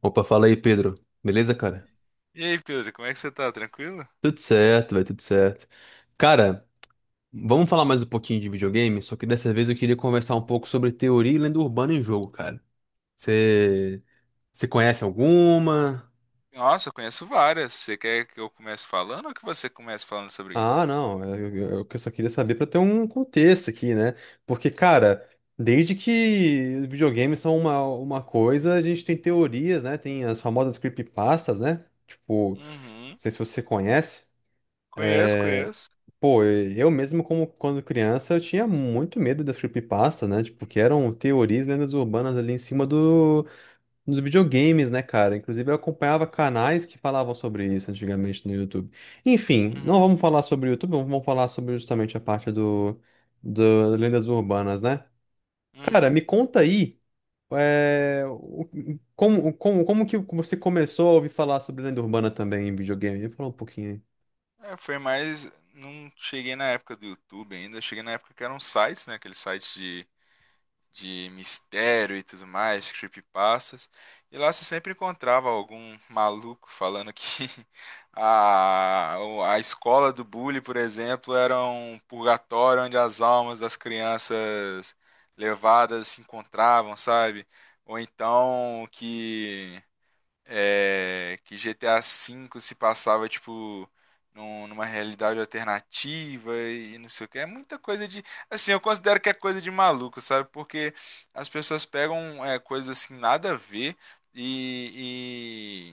Opa, fala aí, Pedro. Beleza, cara? E aí, Pedro, como é que você tá? Tranquilo? Tudo certo, vai tudo certo. Cara, vamos falar mais um pouquinho de videogame, só que dessa vez eu queria conversar um pouco sobre teoria e lenda urbana em jogo, cara. Você você conhece alguma? Nossa, eu conheço várias. Você quer que eu comece falando ou que você comece falando sobre isso? Ah, não, eu só queria saber pra ter um contexto aqui, né? Porque, cara, desde que os videogames são uma coisa, a gente tem teorias, né? Tem as famosas creepypastas, né? Tipo, não Uhum. sei se você conhece. Conheço, É, conheço. pô, eu mesmo, como quando criança, eu tinha muito medo das creepypasta, né? Tipo, que eram teorias, lendas urbanas ali em cima dos videogames, né, cara? Inclusive, eu acompanhava canais que falavam sobre isso antigamente no YouTube. Enfim, não Uhum. vamos falar sobre o YouTube, vamos falar sobre justamente a parte do lendas urbanas, né? Cara, Uhum. me conta aí, é, o- como que você começou a ouvir falar sobre lenda urbana também em videogame? Me fala um pouquinho aí. É, foi mais. Não cheguei na época do YouTube ainda. Cheguei na época que eram sites, né? Aqueles sites de mistério e tudo mais, creepypastas. E lá você sempre encontrava algum maluco falando que a, a escola do bullying, por exemplo, era um purgatório onde as almas das crianças levadas se encontravam, sabe? Ou então que que GTA V se passava, tipo, numa realidade alternativa e não sei o que. É muita coisa de. Assim, eu considero que é coisa de maluco, sabe? Porque as pessoas pegam coisas assim, nada a ver. e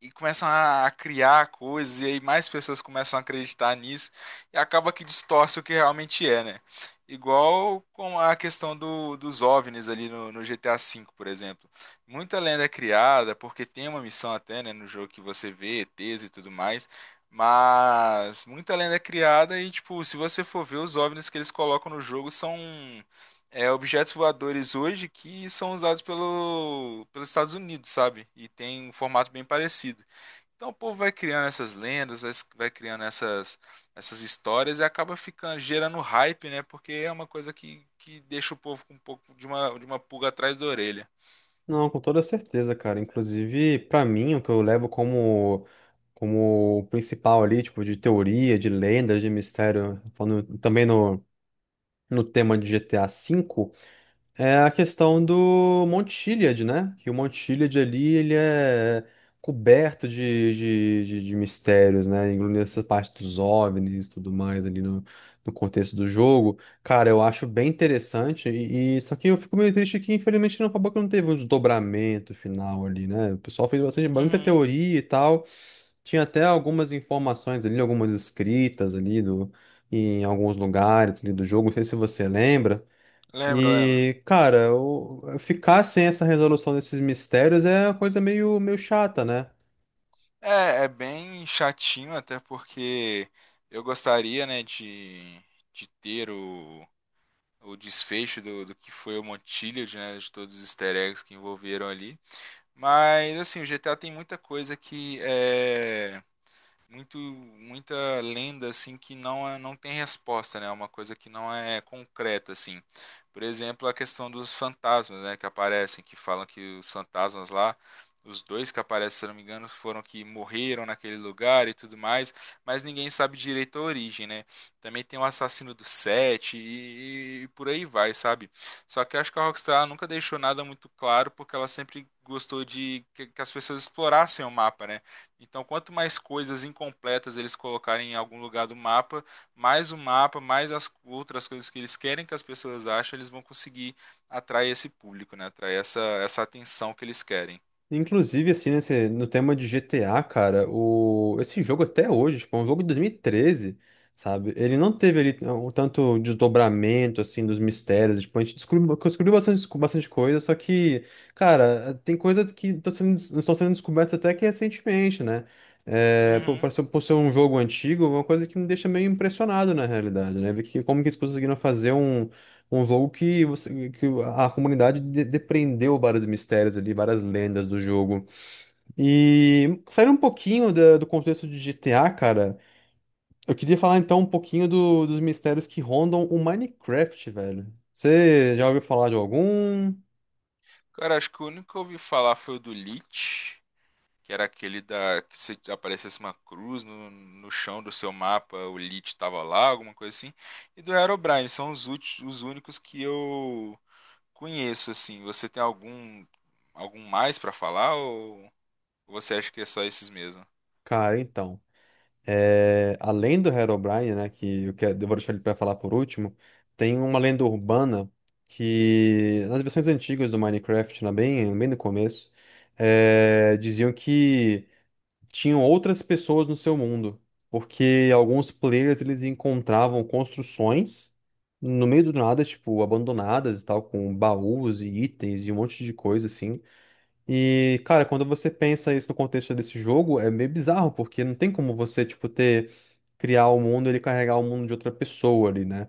e começam a criar coisas, e aí mais pessoas começam a acreditar nisso, e acaba que distorce o que realmente é, né? Igual com a questão dos OVNIs ali no GTA V, por exemplo. Muita lenda é criada, porque tem uma missão até, né, no jogo que você vê ETs e tudo mais, mas muita lenda é criada e, tipo, se você for ver, os OVNIs que eles colocam no jogo são objetos voadores hoje que são usados pelos Estados Unidos, sabe? E tem um formato bem parecido. Então o povo vai criando essas lendas, vai criando essas histórias e acaba ficando gerando hype, né? Porque é uma coisa que deixa o povo com um pouco de de uma pulga atrás da orelha. Não, com toda certeza, cara. Inclusive, pra mim, o que eu levo como principal ali, tipo, de teoria, de lendas, de mistério, falando também no tema de GTA V, é a questão do Monte Chiliad, né? Que o Monte Chiliad ali, ele é coberto de mistérios, né? Incluindo essa parte dos OVNIs e tudo mais ali no contexto do jogo. Cara, eu acho bem interessante. Só que eu fico meio triste que, infelizmente, não acabou que não teve um desdobramento final ali, né? O pessoal fez bastante, muita Uhum, teoria e tal. Tinha até algumas informações ali, algumas escritas ali em alguns lugares ali do jogo. Não sei se você lembra. lembro, lembro. E, cara, ficar sem essa resolução desses mistérios é uma coisa meio chata, né? É, é bem chatinho, até porque eu gostaria, né, de ter o desfecho do que foi o Montiliad, né, de todos os easter eggs que envolveram ali. Mas, assim, o GTA tem muita coisa que é muito muita lenda assim que não é, não tem resposta, né? É uma coisa que não é concreta assim. Por exemplo, a questão dos fantasmas, né, que aparecem, que falam que os fantasmas lá os dois que aparecem, se eu não me engano, foram que morreram naquele lugar e tudo mais, mas ninguém sabe direito a origem, né? Também tem o assassino do Sete e por aí vai, sabe? Só que eu acho que a Rockstar ela nunca deixou nada muito claro, porque ela sempre gostou de que as pessoas explorassem o mapa, né? Então, quanto mais coisas incompletas eles colocarem em algum lugar do mapa, mais o mapa, mais as outras coisas que eles querem que as pessoas achem, eles vão conseguir atrair esse público, né? Atrair essa atenção que eles querem. Inclusive, assim, no tema de GTA, cara, esse jogo até hoje, tipo, é um jogo de 2013, sabe? Ele não teve ali um tanto desdobramento, assim, dos mistérios. Tipo, a gente descobriu bastante, bastante coisa, só que, cara, tem coisas que estão sendo descobertas até que recentemente, né? É, Uhum. Por ser um jogo antigo, é uma coisa que me deixa meio impressionado, na realidade, né? Ver que, como que eles conseguiram fazer um jogo que, que a comunidade depreendeu vários mistérios ali, várias lendas do jogo. E saindo um pouquinho do contexto de GTA, cara, eu queria falar então um pouquinho dos mistérios que rondam o Minecraft, velho. Você já ouviu falar de algum? Cara, acho que o único que eu ouvi falar foi o do Lich, que era aquele da que se aparecesse uma cruz no chão do seu mapa, o Lich tava lá, alguma coisa assim. E do Herobrine, são os, os únicos que eu conheço, assim. Você tem algum algum mais pra falar ou você acha que é só esses mesmo? Cara, então. Além do Herobrine, né, eu vou deixar ele pra falar por último, tem uma lenda urbana que nas versões antigas do Minecraft, né, bem no começo, diziam que tinham outras pessoas no seu mundo, porque alguns players eles encontravam construções no meio do nada, tipo, abandonadas e tal, com baús e itens e um monte de coisa assim. E, cara, quando você pensa isso no contexto desse jogo, é meio bizarro, porque não tem como você, tipo, ter criar o mundo e ele carregar o mundo de outra pessoa ali, né?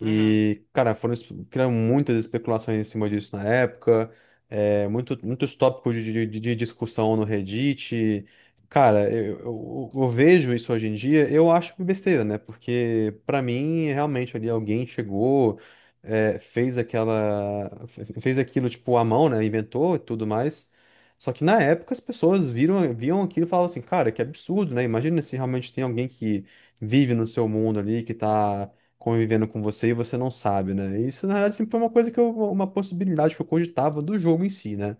Uhum. E, cara, criaram muitas especulações em cima disso na época, muitos tópicos de discussão no Reddit. Cara, eu vejo isso hoje em dia, eu acho besteira, né? Porque, pra mim, realmente ali alguém chegou, fez aquilo tipo à mão, né? Inventou e tudo mais. Só que na época as pessoas viam aquilo e falavam assim, cara, que absurdo, né? Imagina se realmente tem alguém que vive no seu mundo ali, que tá convivendo com você e você não sabe, né? Isso, na verdade, sempre foi uma coisa uma possibilidade que eu cogitava do jogo em si, né?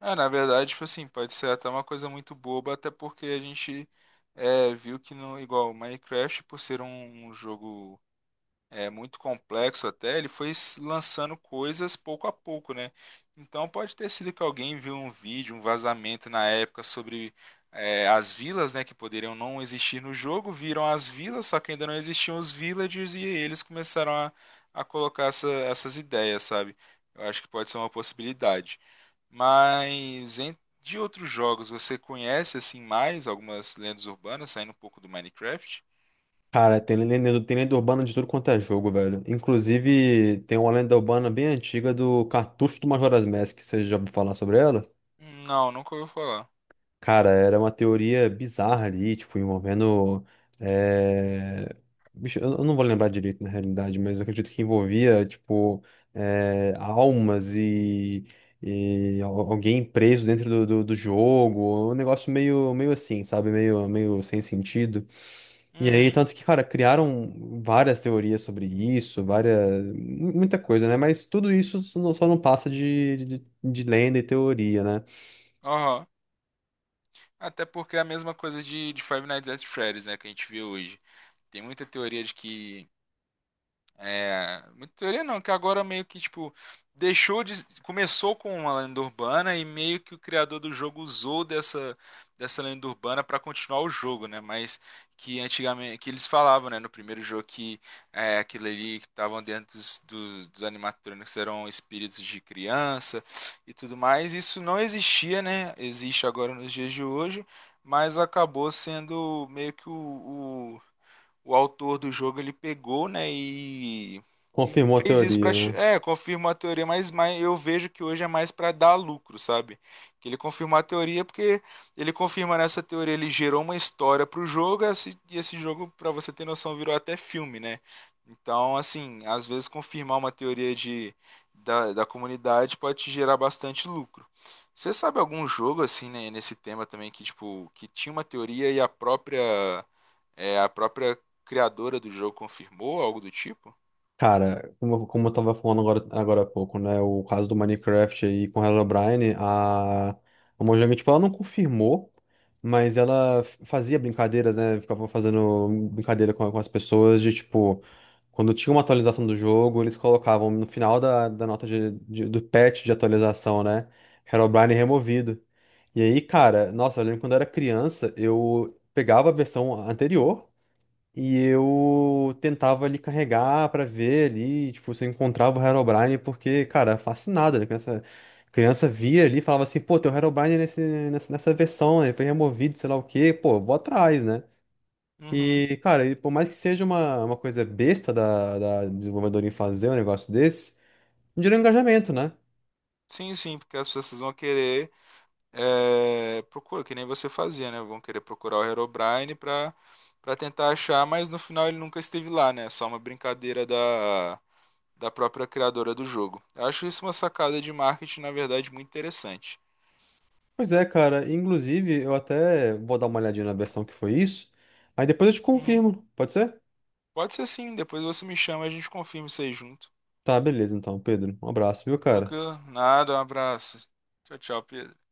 É, na verdade, tipo assim, pode ser até uma coisa muito boba, até porque a gente viu que no igual Minecraft, por ser um, um jogo é muito complexo até, ele foi lançando coisas pouco a pouco, né? Então pode ter sido que alguém viu um vídeo, um vazamento na época sobre as vilas, né, que poderiam não existir no jogo, viram as vilas, só que ainda não existiam os villagers e eles começaram a colocar essas ideias, sabe? Eu acho que pode ser uma possibilidade. Mas de outros jogos, você conhece assim mais algumas lendas urbanas, saindo um pouco do Minecraft? Cara, tem lenda urbana de tudo quanto é jogo, velho. Inclusive, tem uma lenda urbana bem antiga do Cartucho do Majora's Mask, que você já ouviu falar sobre ela? Não, nunca ouviu falar. Cara, era uma teoria bizarra ali, tipo, envolvendo. eh, bicho, eu não vou lembrar direito na realidade, mas eu acredito que envolvia, tipo, almas e, alguém preso dentro do jogo. Um negócio meio assim, sabe? Meio sem sentido. E aí, Uhum. tanto que, cara, criaram várias teorias sobre isso, muita coisa, né? Mas tudo isso só não passa de lenda e teoria, né? Aham. Até porque é a mesma coisa de Five Nights at Freddy's, né, que a gente vê hoje. Tem muita teoria de que muita teoria não, que agora meio que, tipo, deixou de. Começou com uma lenda urbana e meio que o criador do jogo usou dessa lenda urbana para continuar o jogo, né? Mas que antigamente, que eles falavam, né, no primeiro jogo que aquilo ali que estavam dentro dos animatrônicos eram espíritos de criança e tudo mais. Isso não existia, né? Existe agora nos dias de hoje, mas acabou sendo meio que o autor do jogo ele pegou, né, e Confirmou a fez isso para teoria, né? Confirmou a teoria, mas eu vejo que hoje é mais para dar lucro, sabe? Que ele confirmou a teoria porque ele confirma nessa teoria, ele gerou uma história pro jogo, e esse jogo, para você ter noção, virou até filme, né? Então, assim, às vezes confirmar uma teoria de da, da comunidade pode te gerar bastante lucro. Você sabe algum jogo assim, né, nesse tema também que tipo que tinha uma teoria e a própria a própria criadora do jogo confirmou, algo do tipo? Cara, como eu tava falando agora há pouco, né? O caso do Minecraft aí com a Herobrine, a Mojang, tipo, ela não confirmou, mas fazia brincadeiras, né? Ficava fazendo brincadeira com as pessoas de, tipo, quando tinha uma atualização do jogo, eles colocavam no final da nota do patch de atualização, né? Herobrine removido. E aí, cara, nossa, eu lembro quando eu era criança, eu pegava a versão anterior. E eu tentava ali carregar pra ver ali, tipo, se eu encontrava o Herobrine, porque, cara, fascinado, né? Criança, criança via ali e falava assim, pô, tem o Herobrine nessa versão, né? Foi removido, sei lá o quê, pô, vou atrás, né? Uhum. E, cara, e por mais que seja uma coisa besta da desenvolvedora em fazer um negócio desse, gera um engajamento, né? Sim, sim, porque as pessoas vão querer procurar, que nem você fazia, né? Vão querer procurar o Herobrine pra tentar achar, mas no final ele nunca esteve lá, né? É só uma brincadeira da própria criadora do jogo. Eu acho isso uma sacada de marketing, na verdade, muito interessante. Pois é, cara, inclusive eu até vou dar uma olhadinha na versão que foi isso, aí depois eu te Uhum. confirmo, pode ser? Pode ser sim, depois você me chama e a gente confirma isso aí junto. Tá, beleza então, Pedro. Um abraço, viu, cara? Tranquilo? Nada, um abraço. Tchau, tchau, Pedro.